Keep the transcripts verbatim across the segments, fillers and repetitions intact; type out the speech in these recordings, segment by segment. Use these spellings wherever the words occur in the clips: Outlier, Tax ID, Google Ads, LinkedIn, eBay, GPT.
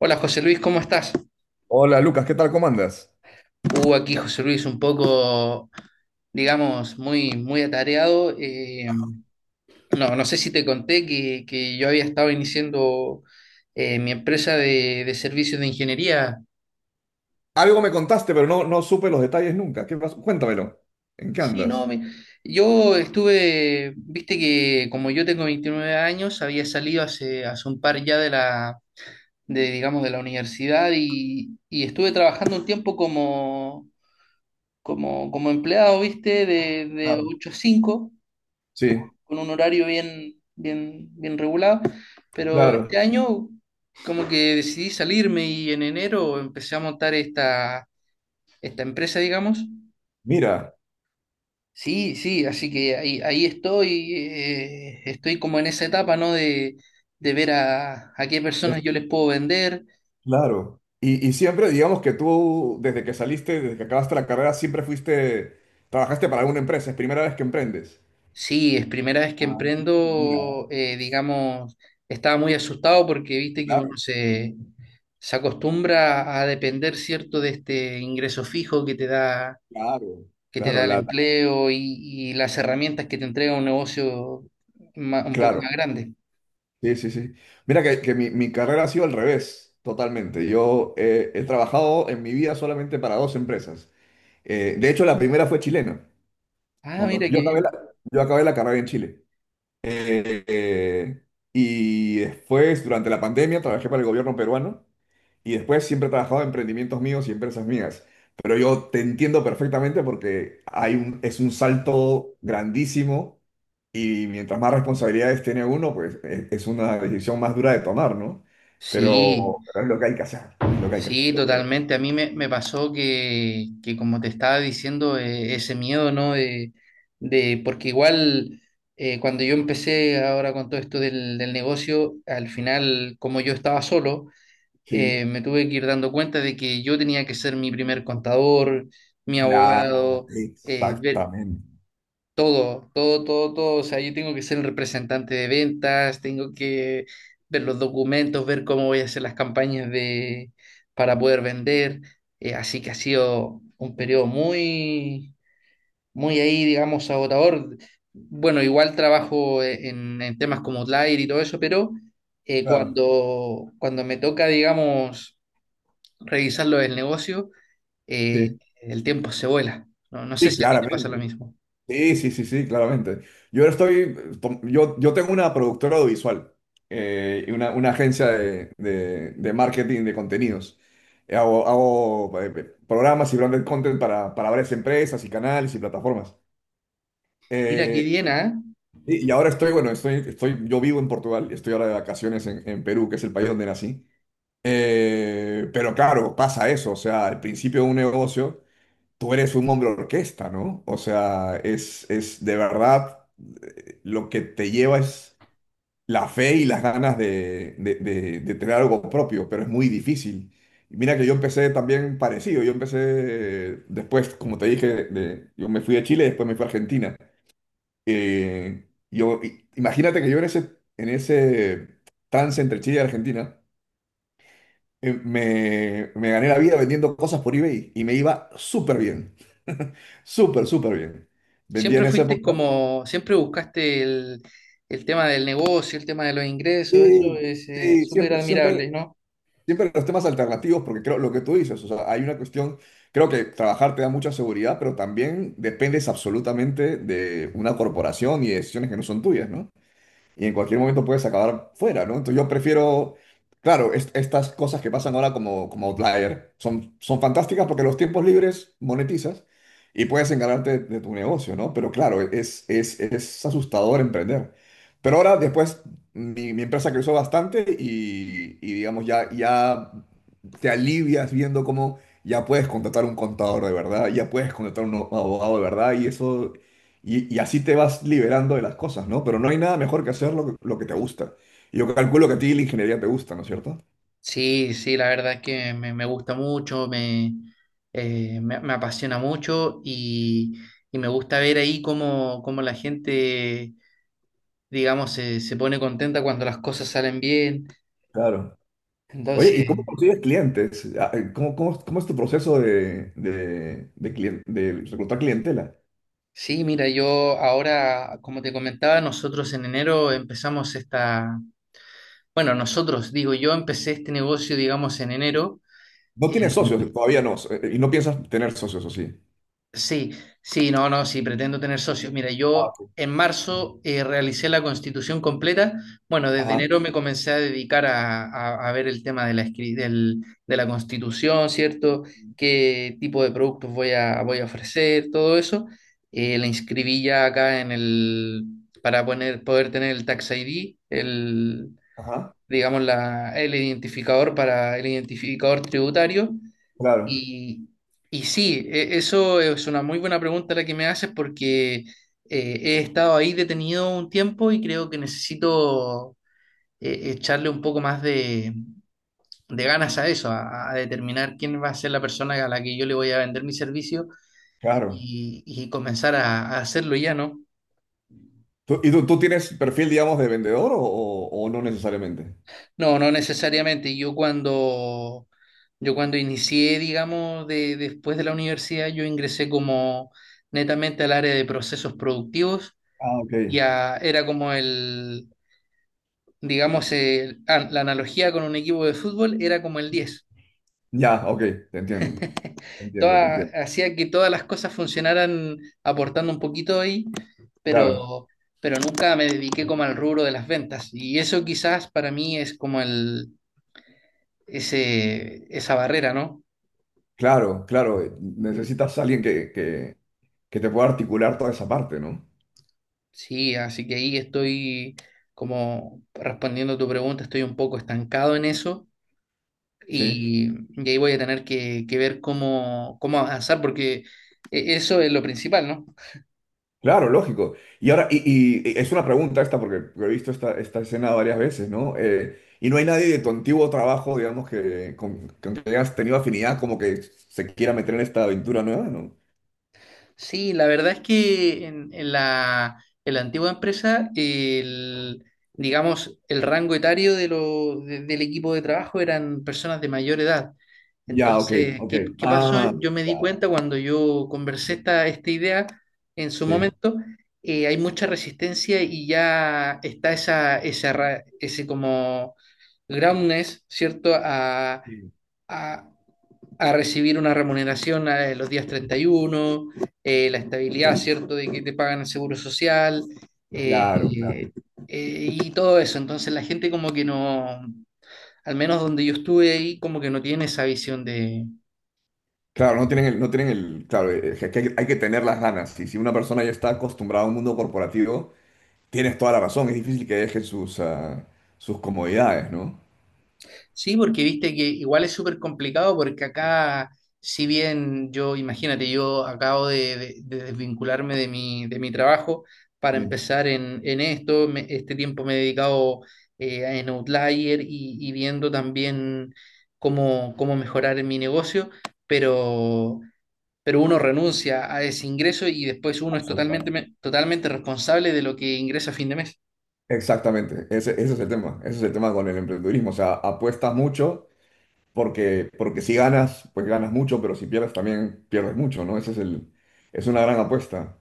Hola José Luis, ¿cómo estás? Hola Lucas, ¿qué tal? ¿Cómo andas? Uh, aquí José Luis un poco, digamos, muy, muy atareado. Eh, no, no sé si te conté que, que yo había estado iniciando eh, mi empresa de, de servicios de ingeniería. Algo me contaste, pero no, no supe los detalles nunca. ¿Qué pasó? Cuéntamelo. ¿En qué Sí, no, andas? me- yo estuve, viste que como yo tengo veintinueve años, había salido hace, hace un par ya de la, de, digamos, de la universidad y, y estuve trabajando un tiempo como, como, como empleado, viste, de, de Claro. ocho a cinco, Sí, con un horario bien, bien, bien regulado, pero este claro. año como que decidí salirme y en enero empecé a montar esta, esta empresa, digamos. Mira, Sí, sí, así que ahí, ahí estoy, eh, estoy como en esa etapa, ¿no? De, de ver a, a qué personas es- yo les puedo vender. claro. Y, y siempre, digamos que tú, desde que saliste, desde que acabaste la carrera, siempre fuiste, trabajaste para alguna empresa. Es primera vez que emprendes. Sí, es primera vez que Ah, mira, emprendo, eh, digamos, estaba muy asustado porque viste que claro, uno se, se acostumbra a depender, ¿cierto?, de este ingreso fijo que te da claro, que te claro, da el la- la- empleo y, y las herramientas que te entrega un negocio ma- un poco claro. más grande. Sí, sí, sí. Mira que, que mi, mi carrera ha sido al revés, totalmente. Yo eh, he trabajado en mi vida solamente para dos empresas. Eh, de hecho, la primera fue chilena. Ah, Cuando mira qué yo acabé la, bien. Yo acabé la carrera en Chile. Eh, eh, y después, durante la pandemia, trabajé para el gobierno peruano y después siempre he trabajado en emprendimientos míos y empresas mías. Pero yo te entiendo perfectamente porque hay un, es un salto grandísimo y mientras más responsabilidades tiene uno, pues es, es una decisión más dura de tomar, ¿no? Sí, Pero, pero es lo que hay que hacer, es lo que hay que hacer, sí, yo creo. totalmente. A mí me, me pasó que, que, como te estaba diciendo, eh, ese miedo, ¿no? De, de- porque igual eh, cuando yo empecé ahora con todo esto del, del negocio, al final, como yo estaba solo, Sí, eh, me tuve que ir dando cuenta de que yo tenía que ser mi primer contador, mi claro, abogado, eh, ver, exactamente. todo, todo, todo, todo. O sea, yo tengo que ser el representante de ventas, tengo que ver los documentos, ver cómo voy a hacer las campañas de, para poder vender. Eh, así que ha sido un periodo muy, muy ahí, digamos, agotador. Bueno, igual trabajo e, en, en temas como Outlier y todo eso, pero eh, Claro. cuando, cuando me toca, digamos, revisarlo del negocio, eh, Sí, el tiempo se vuela. No, no sé sí, si a ti te pasa lo claramente. mismo. Sí, sí, sí, sí, claramente. Yo estoy, tom- yo, yo tengo una productora audiovisual eh, y una, una agencia de, de- de marketing de contenidos. Eh, Hago, hago, eh, eh, programas y branded content para, para varias empresas y canales y plataformas. Mira, qué Eh, bien, ¿ah? y, y ahora estoy, bueno, estoy, estoy, yo vivo en Portugal, estoy ahora de vacaciones en, en Perú, que es el país donde nací. Eh, pero claro, pasa eso, o sea, al principio de un negocio. Tú eres un hombre orquesta, ¿no? O sea, es, es de verdad eh, lo que te lleva es la fe y las ganas de, de- de- de tener algo propio, pero es muy difícil. Y mira que yo empecé también parecido, yo empecé eh, después, como te dije, de- yo me fui a Chile, después me fui a Argentina. Eh, yo, i- imagínate que yo en ese, en ese trance entre Chile y Argentina, eh, me, me gané la vida vendiendo cosas por eBay y me iba súper bien. Súper, súper bien. Vendía Siempre en esa fuiste época. como, siempre buscaste el, el tema del negocio, el tema de los ingresos, eso Sí, es eh, sí, súper siempre, siempre, admirable, ¿no? siempre los temas alternativos, porque creo lo que tú dices, o sea, hay una cuestión, creo que trabajar te da mucha seguridad, pero también dependes absolutamente de una corporación y de decisiones que no son tuyas, ¿no? Y en cualquier momento puedes acabar fuera, ¿no? Entonces yo prefiero, claro, es- estas cosas que pasan ahora como, como Outlier son, son fantásticas porque los tiempos libres monetizas y puedes encargarte de tu negocio, ¿no? Pero claro, es, es, es asustador emprender. Pero ahora después mi, mi empresa creció bastante y, y digamos ya, ya te alivias viendo cómo... Ya puedes contratar un contador de verdad, ya puedes contratar un abogado de verdad y eso y, y así te vas liberando de las cosas, ¿no? Pero no hay nada mejor que hacer lo que, lo que te gusta. Y yo calculo que a ti la ingeniería te gusta, ¿no es cierto? Sí, sí, la verdad es que me, me gusta mucho, me, eh, me, me apasiona mucho y, y me gusta ver ahí cómo, cómo la gente, digamos, se, se pone contenta cuando las cosas salen bien. Claro. Oye, Entonces, ¿y cómo consigues clientes? Ah, eh, ¿Cómo, cómo, cómo es tu proceso de, de, de, clien- de reclutar clientela? sí, mira, yo ahora, como te comentaba, nosotros en enero empezamos esta. Bueno, nosotros, digo, yo empecé este negocio, digamos, en enero. No En- tienes socios, todavía no, eh, y no piensas tener socios, ¿o sí? sí, sí, no, no, sí, pretendo tener socios. Mira, Ah, yo ok. en marzo eh, realicé la constitución completa. Bueno, desde Ajá, enero me comencé a dedicar a, a- a ver el tema de la, escri- del- de la constitución, ¿cierto? ¿Qué tipo de productos voy a, voy a ofrecer? Todo eso. Eh, la inscribí ya acá en el, para poner, poder tener el Tax I D, ajá, digamos, la, el identificador para el identificador tributario. claro, Y, y sí, e- eso es una muy buena pregunta la que me haces porque eh, he estado ahí detenido un tiempo y creo que necesito eh, echarle un poco más de, de ganas a eso, a, a determinar quién va a ser la persona a la que yo le voy a vender mi servicio claro. y, y comenzar a, a hacerlo ya, ¿no? ¿Tú- Y tú, tú tienes perfil, digamos, de vendedor o, o- o no necesariamente? No, no necesariamente. Yo cuando, yo cuando inicié, digamos, de, después de la universidad, yo ingresé como netamente al área de procesos productivos. Ah, ok. Ya era como el, digamos, el- ah, la analogía con un equipo de fútbol era como el diez. Ya, ok, te entiendo. Te entiendo, te Toda- entiendo. Hacía que todas las cosas funcionaran aportando un poquito ahí, pero, Claro. pero nunca me dediqué como al rubro de las ventas. Y eso quizás para mí es como el, ese, esa barrera, ¿no? Claro, claro, eh, necesitas a alguien que, que, que te pueda articular toda esa parte, ¿no? Sí, así que ahí estoy como respondiendo tu pregunta, estoy un poco estancado en eso Sí, y, y ahí voy a tener que, que ver cómo, cómo avanzar porque e- eso es lo principal, ¿no? claro, lógico. Y ahora, y, y- y es una pregunta esta, porque he visto esta, esta escena varias veces, ¿no? Eh, y no hay nadie de tu antiguo trabajo, digamos, que con, con que hayas tenido afinidad, como que se quiera meter en esta aventura nueva, ¿no? Sí, la verdad es que en, en la, en la antigua empresa, el, digamos, el rango etario de lo- de- del equipo de trabajo eran personas de mayor edad. Ya, ok, Entonces, ok. ¿qué, qué pasó? Ah, Yo me di claro, cuenta cuando yo conversé esta, esta idea en su sí. momento, eh, hay mucha resistencia y ya está esa, esa ra- ese como groundness, ¿cierto? A, Sí. a- a recibir una remuneración a los días treinta y uno, eh, la estabilidad, ¿cierto?, de que te pagan el seguro social, eh, Claro, claro. eh, y todo eso. Entonces la gente como que no, al menos donde yo estuve ahí, como que no tiene esa visión de… Claro, no tienen el, no tienen el, claro, eh, que hay, hay que tener las ganas. Y si una persona ya está acostumbrada a un mundo corporativo. Tienes toda la razón, es difícil que dejen sus, ah, sus comodidades, ¿no? Sí, porque viste que igual es súper complicado porque acá, si bien yo, imagínate, yo acabo de, de- de desvincularme de mi, de mi trabajo para Sí. empezar en, en esto, me- este tiempo me he dedicado eh, a- en Outlier y, y viendo también cómo, cómo mejorar en mi negocio, pero, pero uno renuncia a ese ingreso y después uno es totalmente, Absolutamente. me- totalmente responsable de lo que ingresa a fin de mes. Exactamente, ese, ese es el tema, ese es el tema con el emprendedurismo, o sea, apuestas mucho porque, porque si ganas, pues ganas mucho, pero si pierdes también pierdes mucho, ¿no? Ese es el, es una gran apuesta.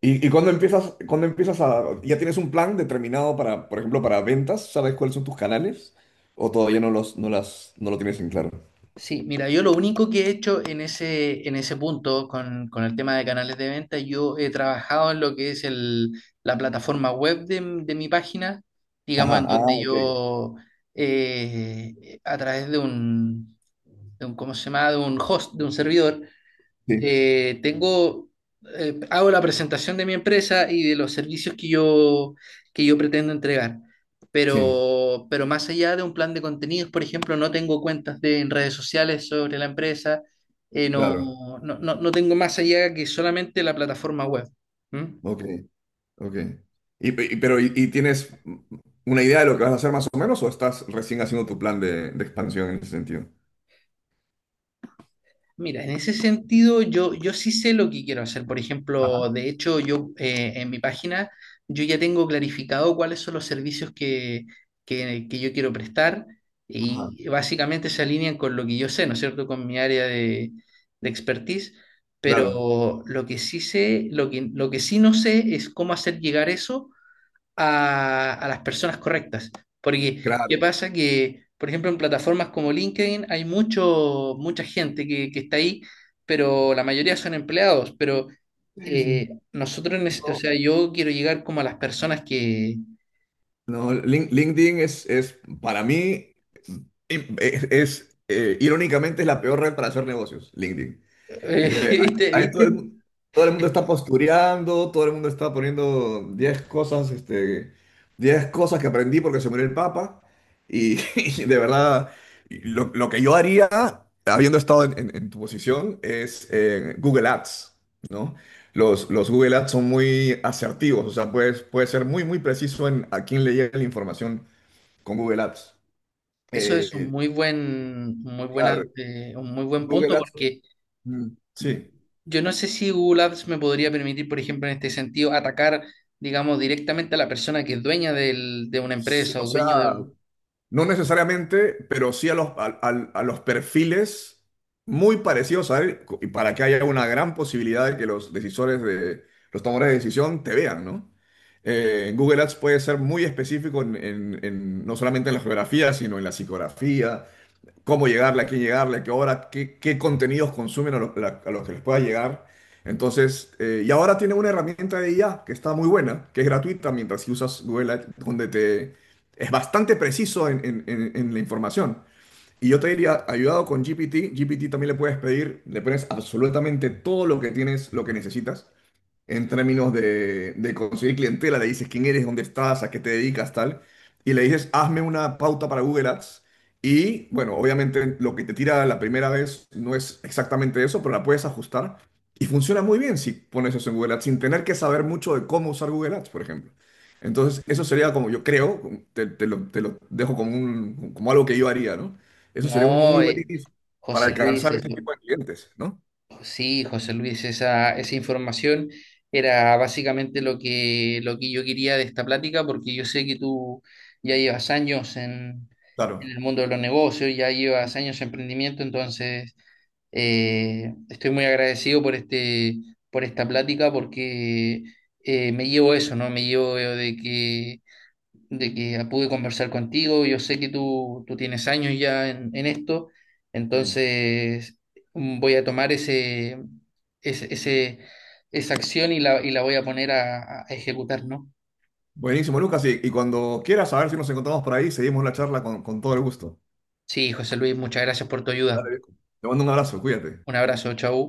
Y, y cuando empiezas, cuando empiezas a, ya tienes un plan determinado para, por ejemplo, para ventas, ¿sabes cuáles son tus canales? ¿O todavía no los, no las, no lo tienes en claro? Sí, mira, yo lo único que he hecho en ese, en ese punto con, con el tema de canales de venta, yo he trabajado en lo que es el, la plataforma web de, m- de mi página, digamos, Ajá, en ah, donde ok, yo, eh, a través de un, de un, ¿cómo se llama?, de un host, de un servidor, sí, eh, tengo, eh, hago la presentación de mi empresa y de los servicios que yo, que yo pretendo entregar. sí. Pero, pero más allá de un plan de contenidos, por ejemplo, no tengo cuentas de, en redes sociales sobre la empresa, eh, no, Claro, no, no, no tengo más allá que solamente la plataforma web. ¿Mm? ok. Ok. ¿Y, pe- y- pero, y, y tienes una idea de lo que vas a hacer más o menos o estás recién haciendo tu plan de, de expansión en ese sentido? Mira, en ese sentido yo, yo sí sé lo que quiero hacer. Por ejemplo, Ajá. de hecho, yo eh, en mi página yo ya tengo clarificado cuáles son los servicios que, que, que yo quiero prestar Ajá. y básicamente se alinean con lo que yo sé, ¿no es cierto?, con mi área de, de expertise. Claro, Pero lo que sí sé, lo que, lo que sí no sé es cómo hacer llegar eso a, a las personas correctas. Porque, ¿qué claro. pasa? Que, por ejemplo, en plataformas como LinkedIn hay mucho, mucha gente que, que está ahí, pero la mayoría son empleados. Pero Sí, eh, sí. nosotros, nece- o No, sea, yo quiero llegar como a las personas que… no, Lin- LinkedIn es, es para mí, es, es, eh, irónicamente, es la peor red para hacer negocios, LinkedIn. Porque ¿viste? ahí todo ¿Viste? el, mu- todo el mundo está postureando, todo el mundo está poniendo diez cosas, este, diez cosas que aprendí porque se murió el Papa. Y, y de verdad, lo, lo que yo haría, habiendo estado en, en- en tu posición, es eh, Google Ads, ¿no? Los, los Google Ads son muy asertivos, o sea, puedes, puedes ser muy, muy preciso en a quién le llega la información con Google Ads. Eso es un Eh, muy buen, muy buena, claro, eh, un muy buen Google punto Ads, porque mm, sí. yo no sé si Google Ads me podría permitir, por ejemplo, en este sentido, atacar, digamos, directamente a la persona que es dueña del- de una Sí, empresa o o sea, dueño de un… no necesariamente, pero sí a los, al- al- a los perfiles muy parecidos a él, co- y para que haya una gran posibilidad de que los decisores de los tomadores de decisión te vean, ¿no? Eh, Google Ads puede ser muy específico en, en- en- no solamente en la geografía, sino en la psicografía, cómo llegarle, a quién llegarle, a qué hora, qué, qué contenidos consumen a los, la- a los que les pueda llegar. Entonces, eh, y ahora tiene una herramienta de I A que está muy buena, que es gratuita mientras si usas Google Ads, donde te es bastante preciso en, en- en- en la información. Y yo te diría, ayudado con G P T. G P T también le puedes pedir, le pones absolutamente todo lo que tienes, lo que necesitas, en términos de, de conseguir clientela, le dices quién eres, dónde estás, a qué te dedicas, tal, y le dices, hazme una pauta para Google Ads. Y bueno, obviamente lo que te tira la primera vez no es exactamente eso, pero la puedes ajustar. Y funciona muy bien si pones eso en Google Ads, sin tener que saber mucho de cómo usar Google Ads, por ejemplo. Entonces, eso Mm. sería como yo creo, te, te lo, te lo dejo como, un, como algo que yo haría, ¿no? Eso sería un No, muy buen eh, inicio para José Luis, alcanzar ese eso- tipo de clientes, ¿no? Sí, José Luis, esa, esa información era básicamente lo que, lo que yo quería de esta plática, porque yo sé que tú ya llevas años en, Claro. en el mundo de los negocios, ya llevas años en emprendimiento, entonces… Eh, estoy muy agradecido por este, por esta plática porque eh, me llevo eso, ¿no? Me llevo eh, de que, de que pude conversar contigo. Yo sé que tú, tú tienes años ya en, en esto, Sí. entonces mm, voy a tomar ese, ese, ese- esa acción y la, y la voy a poner a, a ejecutar, ¿no? Buenísimo, Lucas. Y, y cuando quieras saber si nos encontramos por ahí, seguimos la charla con, con todo el gusto. Sí, José Luis, muchas gracias por tu ayuda. Dale, viejo. Te mando un abrazo, cuídate. Un abrazo, chau.